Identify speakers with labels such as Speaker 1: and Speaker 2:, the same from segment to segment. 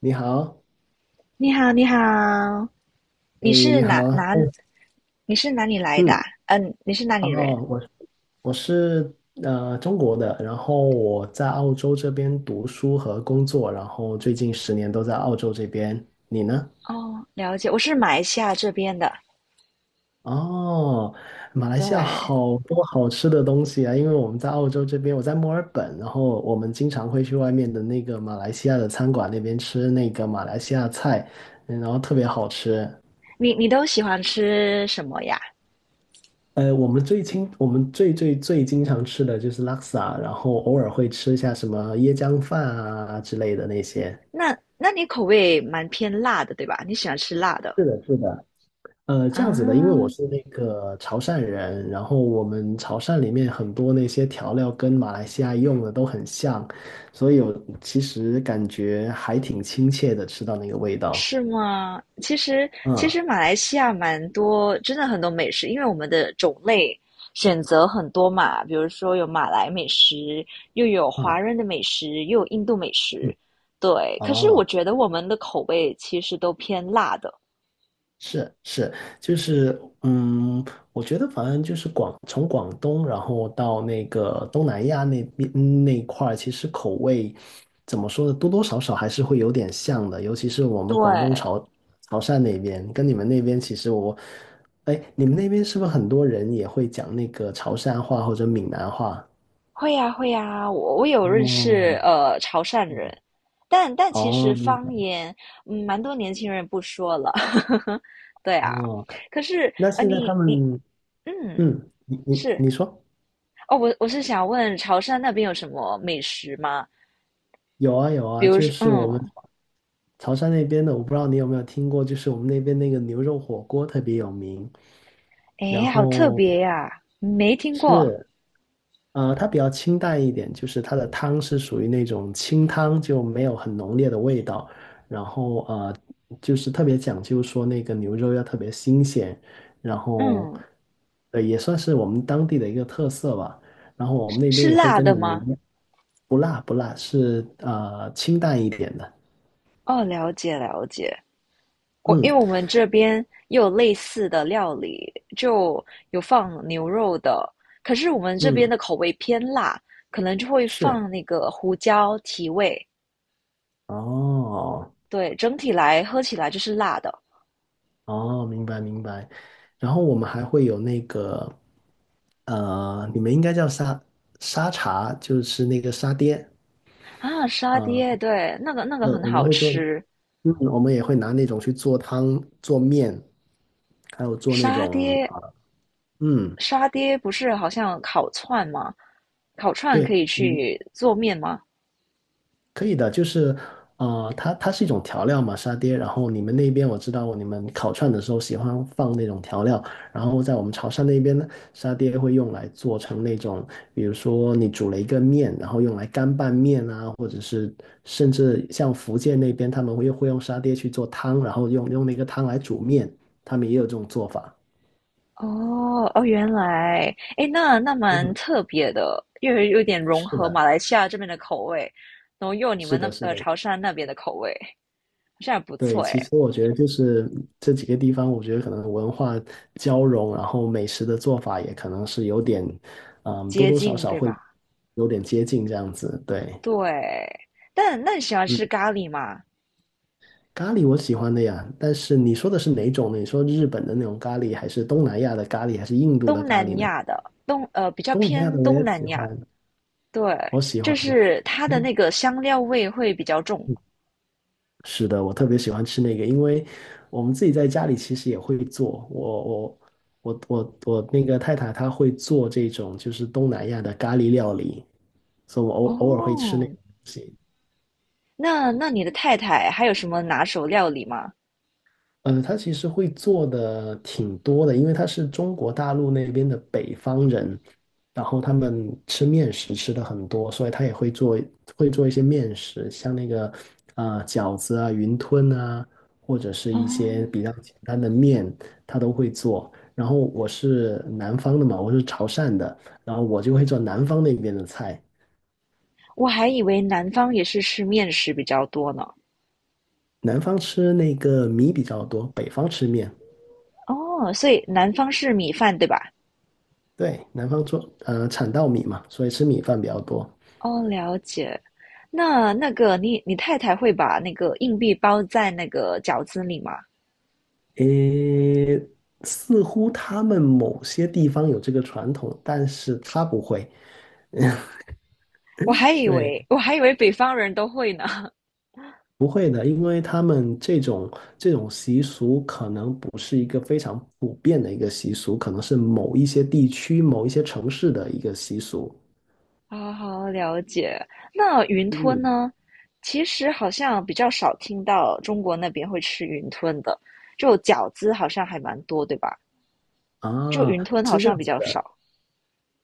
Speaker 1: 你好。
Speaker 2: 你好，你好，你
Speaker 1: 诶，
Speaker 2: 是
Speaker 1: 你好。
Speaker 2: 哪？你是哪里来的啊
Speaker 1: 嗯。
Speaker 2: 你是哪里
Speaker 1: 哦，
Speaker 2: 人？
Speaker 1: 我是中国的，然后我在澳洲这边读书和工作，然后最近10年都在澳洲这边。你呢？
Speaker 2: 哦，了解，我是马来西亚这边的。
Speaker 1: 哦，马来西亚
Speaker 2: 对，
Speaker 1: 好多好吃的东西啊！因为我们在澳洲这边，我在墨尔本，然后我们经常会去外面的那个马来西亚的餐馆那边吃那个马来西亚菜，然后特别好吃。
Speaker 2: 你都喜欢吃什么呀？
Speaker 1: 我们最最最经常吃的就是拉萨，然后偶尔会吃一下什么椰浆饭啊之类的那些。
Speaker 2: 那你口味蛮偏辣的，对吧？你喜欢吃辣的
Speaker 1: 是的，是的。这样子的，因为我
Speaker 2: 啊？
Speaker 1: 是那个潮汕人，然后我们潮汕里面很多那些调料跟马来西亚用的都很像，所以我其实感觉还挺亲切的，吃到那个味道。
Speaker 2: 是吗？其实其
Speaker 1: 嗯
Speaker 2: 实马来西亚蛮多，真的很多美食，因为我们的种类选择很多嘛，比如说有马来美食，又有华
Speaker 1: 嗯
Speaker 2: 人的美食，又有印度美
Speaker 1: 嗯。
Speaker 2: 食，对。可是我
Speaker 1: 哦。
Speaker 2: 觉得我们的口味其实都偏辣的，
Speaker 1: 是是，就是我觉得反正就是从广东，然后到那个东南亚那边那一块儿，其实口味怎么说呢，多多少少还是会有点像的，尤其是我们广东
Speaker 2: 对。
Speaker 1: 潮汕那边，跟你们那边其实我，哎，你们那边是不是很多人也会讲那个潮汕话或者闽南话？
Speaker 2: 会呀会呀，我有认识
Speaker 1: 哦
Speaker 2: 潮汕人，但其实
Speaker 1: 哦
Speaker 2: 方言，嗯，蛮多年轻人不说了，对啊。
Speaker 1: 哦。
Speaker 2: 可是
Speaker 1: 那
Speaker 2: 呃
Speaker 1: 现在他
Speaker 2: 你你
Speaker 1: 们
Speaker 2: 嗯
Speaker 1: 你你
Speaker 2: 是。
Speaker 1: 你说
Speaker 2: 哦，我是想问潮汕那边有什么美食吗？
Speaker 1: 有啊有
Speaker 2: 比
Speaker 1: 啊，
Speaker 2: 如
Speaker 1: 就
Speaker 2: 说，
Speaker 1: 是我们。
Speaker 2: 嗯，
Speaker 1: 潮汕那边的，我不知道你有没有听过，就是我们那边那个牛肉火锅特别有名。
Speaker 2: 诶，
Speaker 1: 然
Speaker 2: 好特
Speaker 1: 后
Speaker 2: 别呀，没听过。
Speaker 1: 是，它比较清淡一点，就是它的汤是属于那种清汤，就没有很浓烈的味道。然后就是特别讲究说那个牛肉要特别新鲜，然后
Speaker 2: 嗯，
Speaker 1: 也算是我们当地的一个特色吧。然后我们那边
Speaker 2: 是
Speaker 1: 也会
Speaker 2: 辣
Speaker 1: 跟
Speaker 2: 的
Speaker 1: 你们
Speaker 2: 吗？
Speaker 1: 一样，不辣不辣，是清淡一点的。
Speaker 2: 哦，了解了解。
Speaker 1: 嗯
Speaker 2: 因为我们这边也有类似的料理，就有放牛肉的，可是我们这边
Speaker 1: 嗯，
Speaker 2: 的口味偏辣，可能就会
Speaker 1: 是。
Speaker 2: 放那个胡椒提味。
Speaker 1: 哦
Speaker 2: 对，整体来喝起来就是辣的。
Speaker 1: 哦，明白明白。然后我们还会有那个，你们应该叫沙茶，就是那个沙爹
Speaker 2: 啊，沙
Speaker 1: 啊。
Speaker 2: 爹，对，那个那个
Speaker 1: 对，
Speaker 2: 很
Speaker 1: 我们
Speaker 2: 好
Speaker 1: 会做，
Speaker 2: 吃，
Speaker 1: 嗯，我们也会拿那种去做汤、做面，还有做那
Speaker 2: 沙
Speaker 1: 种
Speaker 2: 爹
Speaker 1: 啊，嗯，
Speaker 2: 沙爹不是好像烤串吗？烤串可
Speaker 1: 对，
Speaker 2: 以
Speaker 1: 你
Speaker 2: 去做面吗？
Speaker 1: 可以的，就是它是一种调料嘛，沙爹。然后你们那边我知道，你们烤串的时候喜欢放那种调料，然后在我们潮汕那边呢，沙爹会用来做成那种，比如说你煮了一个面，然后用来干拌面啊，或者是甚至像福建那边他们会用沙爹去做汤，然后用那个汤来煮面，他们也有这种做法。
Speaker 2: 哦哦，原来，诶，那那蛮
Speaker 1: 嗯，
Speaker 2: 特别的，又有点融
Speaker 1: 是
Speaker 2: 合马
Speaker 1: 的，
Speaker 2: 来西亚这边的口味，然后又有你
Speaker 1: 是
Speaker 2: 们
Speaker 1: 的，
Speaker 2: 那
Speaker 1: 是的。
Speaker 2: 潮汕那边的口味，好像还不
Speaker 1: 对，
Speaker 2: 错诶，
Speaker 1: 其实我觉得就是这几个地方，我觉得可能文化交融，然后美食的做法也可能是有点，多
Speaker 2: 接
Speaker 1: 多少
Speaker 2: 近
Speaker 1: 少
Speaker 2: 对
Speaker 1: 会
Speaker 2: 吧？
Speaker 1: 有点接近这样子。对，
Speaker 2: 对，但那你喜欢
Speaker 1: 嗯，
Speaker 2: 吃咖喱吗？
Speaker 1: 咖喱我喜欢的呀，但是你说的是哪种呢？你说日本的那种咖喱，还是东南亚的咖喱，还是印度的
Speaker 2: 东
Speaker 1: 咖喱
Speaker 2: 南
Speaker 1: 呢？
Speaker 2: 亚的东呃比较
Speaker 1: 东南亚
Speaker 2: 偏
Speaker 1: 的我
Speaker 2: 东
Speaker 1: 也喜
Speaker 2: 南亚，
Speaker 1: 欢，
Speaker 2: 对，
Speaker 1: 我喜
Speaker 2: 就
Speaker 1: 欢。
Speaker 2: 是它的那个香料味会比较重。
Speaker 1: 是的，我特别喜欢吃那个，因为我们自己在家里其实也会做。我那个太太她会做这种就是东南亚的咖喱料理，所以我偶尔会吃那
Speaker 2: 哦，
Speaker 1: 个东西。
Speaker 2: 那那你的太太还有什么拿手料理吗？
Speaker 1: 他其实会做的挺多的，因为他是中国大陆那边的北方人，然后他们吃面食吃的很多，所以他也会做一些面食，像那个啊、饺子啊、云吞啊，或者是一些
Speaker 2: 哦，
Speaker 1: 比较简单的面，他都会做。然后我是南方的嘛，我是潮汕的，然后我就会做南方那边的菜，
Speaker 2: 我还以为南方也是吃面食比较多呢。
Speaker 1: 南方吃那个米比较多，北方吃面。
Speaker 2: 哦，所以南方是米饭，对吧？
Speaker 1: 对，南方产稻米嘛，所以吃米饭比较多。
Speaker 2: 哦，了解。那那个你太太会把那个硬币包在那个饺子里吗？
Speaker 1: 诶，似乎他们某些地方有这个传统，但是他不会，对，
Speaker 2: 我还以为北方人都会呢。
Speaker 1: 不会的，因为他们这种习俗可能不是一个非常普遍的一个习俗，可能是某一些地区、某一些城市的一个习俗。
Speaker 2: 好好了解。那云吞
Speaker 1: 嗯，
Speaker 2: 呢？其实好像比较少听到中国那边会吃云吞的，就饺子好像还蛮多，对吧？就
Speaker 1: 啊，
Speaker 2: 云吞好
Speaker 1: 是这
Speaker 2: 像
Speaker 1: 样
Speaker 2: 比
Speaker 1: 子
Speaker 2: 较
Speaker 1: 的，
Speaker 2: 少。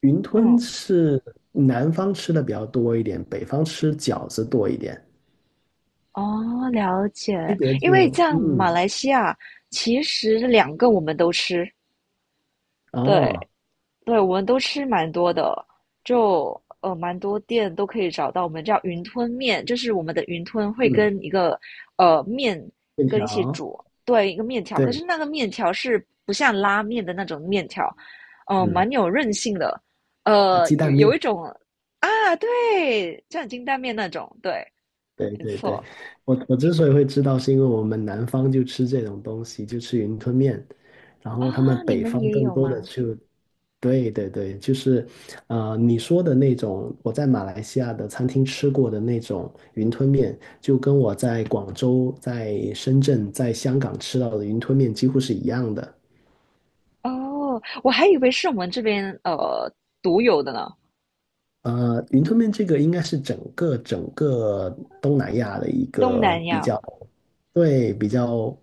Speaker 1: 云吞
Speaker 2: 嗯，
Speaker 1: 是南方吃的比较多一点，北方吃饺子多一点，
Speaker 2: 哦，了解。
Speaker 1: 区别
Speaker 2: 因为
Speaker 1: 就，
Speaker 2: 像马来西亚，其实两个我们都吃，对
Speaker 1: 哦，
Speaker 2: 对，我们都吃蛮多的，就蛮多店都可以找到。我们叫云吞面，就是我们的云吞会
Speaker 1: 嗯，
Speaker 2: 跟一个面
Speaker 1: 面
Speaker 2: 跟一起
Speaker 1: 条，
Speaker 2: 煮，对，一个面条。可
Speaker 1: 对，
Speaker 2: 是那个面条是不像拉面的那种面条，
Speaker 1: 嗯。
Speaker 2: 蛮有韧性的，
Speaker 1: 鸡蛋
Speaker 2: 有
Speaker 1: 面，
Speaker 2: 有一种。啊，对，像金蛋面那种，对。
Speaker 1: 对
Speaker 2: 没
Speaker 1: 对对，
Speaker 2: 错。
Speaker 1: 我之所以会知道，是因为我们南方就吃这种东西，就吃云吞面，然后他
Speaker 2: 啊，
Speaker 1: 们
Speaker 2: 你
Speaker 1: 北
Speaker 2: 们
Speaker 1: 方
Speaker 2: 也
Speaker 1: 更
Speaker 2: 有
Speaker 1: 多的
Speaker 2: 吗？
Speaker 1: 就，对对对，就是你说的那种，我在马来西亚的餐厅吃过的那种云吞面，就跟我在广州、在深圳、在香港吃到的云吞面几乎是一样的。
Speaker 2: 哦，我还以为是我们这边独有的呢，
Speaker 1: 云吞面这个应该是整个东南亚的一
Speaker 2: 东
Speaker 1: 个
Speaker 2: 南
Speaker 1: 比
Speaker 2: 亚嘛，
Speaker 1: 较，对，比较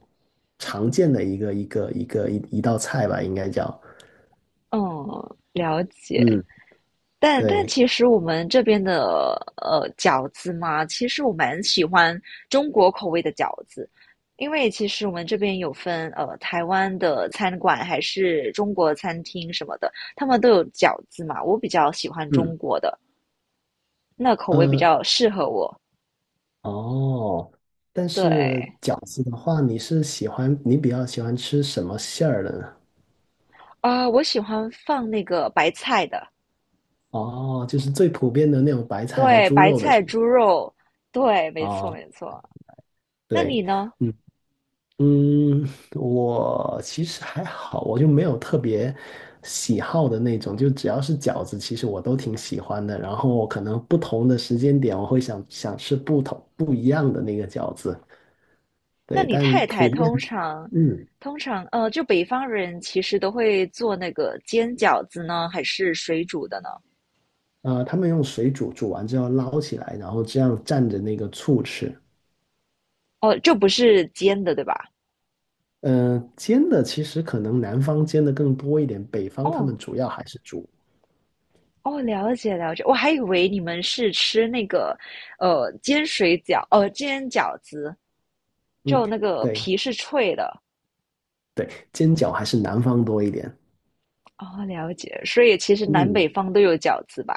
Speaker 1: 常见的一个一个一个一一道菜吧，应该叫。
Speaker 2: 嗯，了解。
Speaker 1: 嗯，
Speaker 2: 但但
Speaker 1: 对，
Speaker 2: 其实我们这边的饺子嘛，其实我蛮喜欢中国口味的饺子，因为其实我们这边有分台湾的餐馆还是中国餐厅什么的，他们都有饺子嘛，我比较喜欢中
Speaker 1: 嗯，
Speaker 2: 国的，那口味比
Speaker 1: 呃，
Speaker 2: 较适合我。
Speaker 1: 哦，但是
Speaker 2: 对，
Speaker 1: 饺子的话，你比较喜欢吃什么馅儿的呢？
Speaker 2: 啊，我喜欢放那个白菜的，
Speaker 1: 哦，就是最普遍的那种白菜和
Speaker 2: 对，
Speaker 1: 猪
Speaker 2: 白
Speaker 1: 肉的是
Speaker 2: 菜、
Speaker 1: 吗？
Speaker 2: 猪肉，对，没错，
Speaker 1: 哦，
Speaker 2: 没错。那
Speaker 1: 对，
Speaker 2: 你呢？
Speaker 1: 嗯。嗯，我其实还好，我就没有特别喜好的那种，就只要是饺子，其实我都挺喜欢的。然后可能不同的时间点，我会想想吃不一样的那个饺子。
Speaker 2: 那
Speaker 1: 对，
Speaker 2: 你
Speaker 1: 但
Speaker 2: 太太
Speaker 1: 普遍，
Speaker 2: 通常，
Speaker 1: 嗯，
Speaker 2: 通常，就北方人其实都会做那个煎饺子呢，还是水煮的呢？
Speaker 1: 他们用水煮，煮完之后捞起来，然后这样蘸着那个醋吃。
Speaker 2: 哦，就不是煎的，对吧？
Speaker 1: 嗯、煎的其实可能南方煎的更多一点，北方他
Speaker 2: 哦，
Speaker 1: 们主要还是煮。
Speaker 2: 哦，了解了解，我还以为你们是吃那个，煎水饺，煎饺子，
Speaker 1: 嗯，
Speaker 2: 就那个
Speaker 1: 对
Speaker 2: 皮是脆的。
Speaker 1: 对，煎饺还是南方多一点。
Speaker 2: 哦，了解，所以其实南
Speaker 1: 嗯。
Speaker 2: 北方都有饺子吧？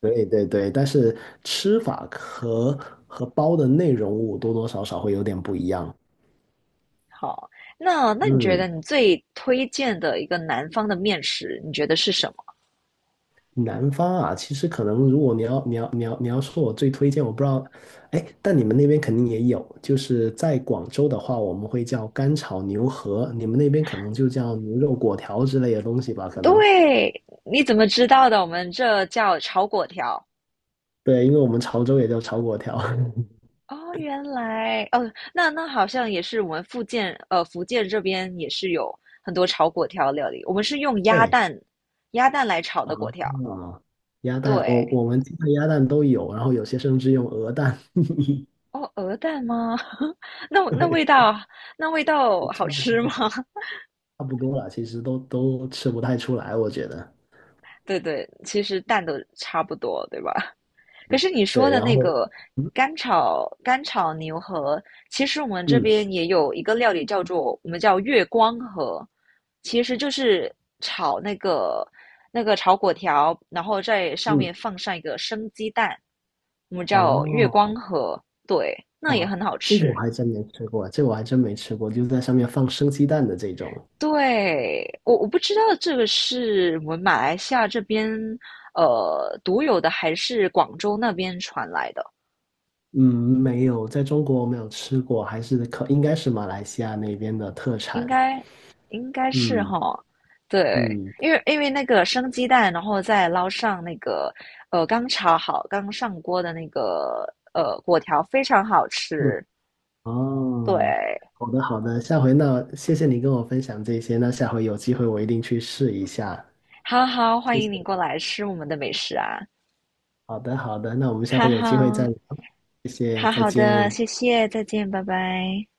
Speaker 1: 对对对，但是吃法和包的内容物多多少少会有点不一样。
Speaker 2: 好，那那你觉
Speaker 1: 嗯，
Speaker 2: 得你最推荐的一个南方的面食，你觉得是什么？
Speaker 1: 南方啊，其实可能如果你要说我最推荐，我不知道，哎，但你们那边肯定也有，就是在广州的话，我们会叫干炒牛河，你们那边可能就叫牛肉果条之类的东西吧，可能。
Speaker 2: 对，你怎么知道的？我们这叫炒粿条。
Speaker 1: 对，因为我们潮州也叫炒果条。
Speaker 2: 哦，原来哦，那那好像也是我们福建这边也是有很多炒粿条料理。我们是用
Speaker 1: 对
Speaker 2: 鸭蛋来炒
Speaker 1: 啊
Speaker 2: 的粿条。
Speaker 1: 啊，鸭蛋，我
Speaker 2: 对，
Speaker 1: 我们鸡蛋、鸭蛋都有，然后有些甚至用鹅蛋。
Speaker 2: 哦，鹅蛋吗？那 那
Speaker 1: 对，
Speaker 2: 味道。那味道好
Speaker 1: 差不
Speaker 2: 吃吗？
Speaker 1: 多。差不多了，其实都吃不太出来，我觉得。
Speaker 2: 对对，其实蛋都差不多，对吧？可是你说
Speaker 1: 对，
Speaker 2: 的
Speaker 1: 然
Speaker 2: 那
Speaker 1: 后，
Speaker 2: 个
Speaker 1: 嗯
Speaker 2: 干炒牛河，其实我们这
Speaker 1: 嗯
Speaker 2: 边也有一个料理叫做我们叫月光河，其实就是炒那个炒粿条，然后在上
Speaker 1: 嗯，
Speaker 2: 面放上一个生鸡蛋，我们叫月光
Speaker 1: 哦
Speaker 2: 河，对，那也
Speaker 1: 哦，
Speaker 2: 很好
Speaker 1: 这个我
Speaker 2: 吃。
Speaker 1: 还真没吃过，这个我还真没吃过，就在上面放生鸡蛋的这种，
Speaker 2: 对，我不知道这个是我们马来西亚这边独有的，还是广州那边传来的。
Speaker 1: 嗯，没有，在中国没有吃过，还是应该是马来西亚那边的特
Speaker 2: 应
Speaker 1: 产。
Speaker 2: 该应该是
Speaker 1: 嗯
Speaker 2: 哈，对，
Speaker 1: 嗯
Speaker 2: 因为那个生鸡蛋，然后再捞上那个刚炒好、刚上锅的那个果条，非常好
Speaker 1: 嗯，
Speaker 2: 吃。
Speaker 1: 哦，
Speaker 2: 对，
Speaker 1: 好的好的，下回那谢谢你跟我分享这些，那下回有机会我一定去试一下，
Speaker 2: 好好欢
Speaker 1: 谢
Speaker 2: 迎你过
Speaker 1: 谢。
Speaker 2: 来吃我们的美食啊！
Speaker 1: 好的好的，那我们下
Speaker 2: 哈
Speaker 1: 回有机会再
Speaker 2: 哈，
Speaker 1: 聊，谢谢，
Speaker 2: 好
Speaker 1: 再
Speaker 2: 好的，
Speaker 1: 见。
Speaker 2: 谢谢，再见，拜拜。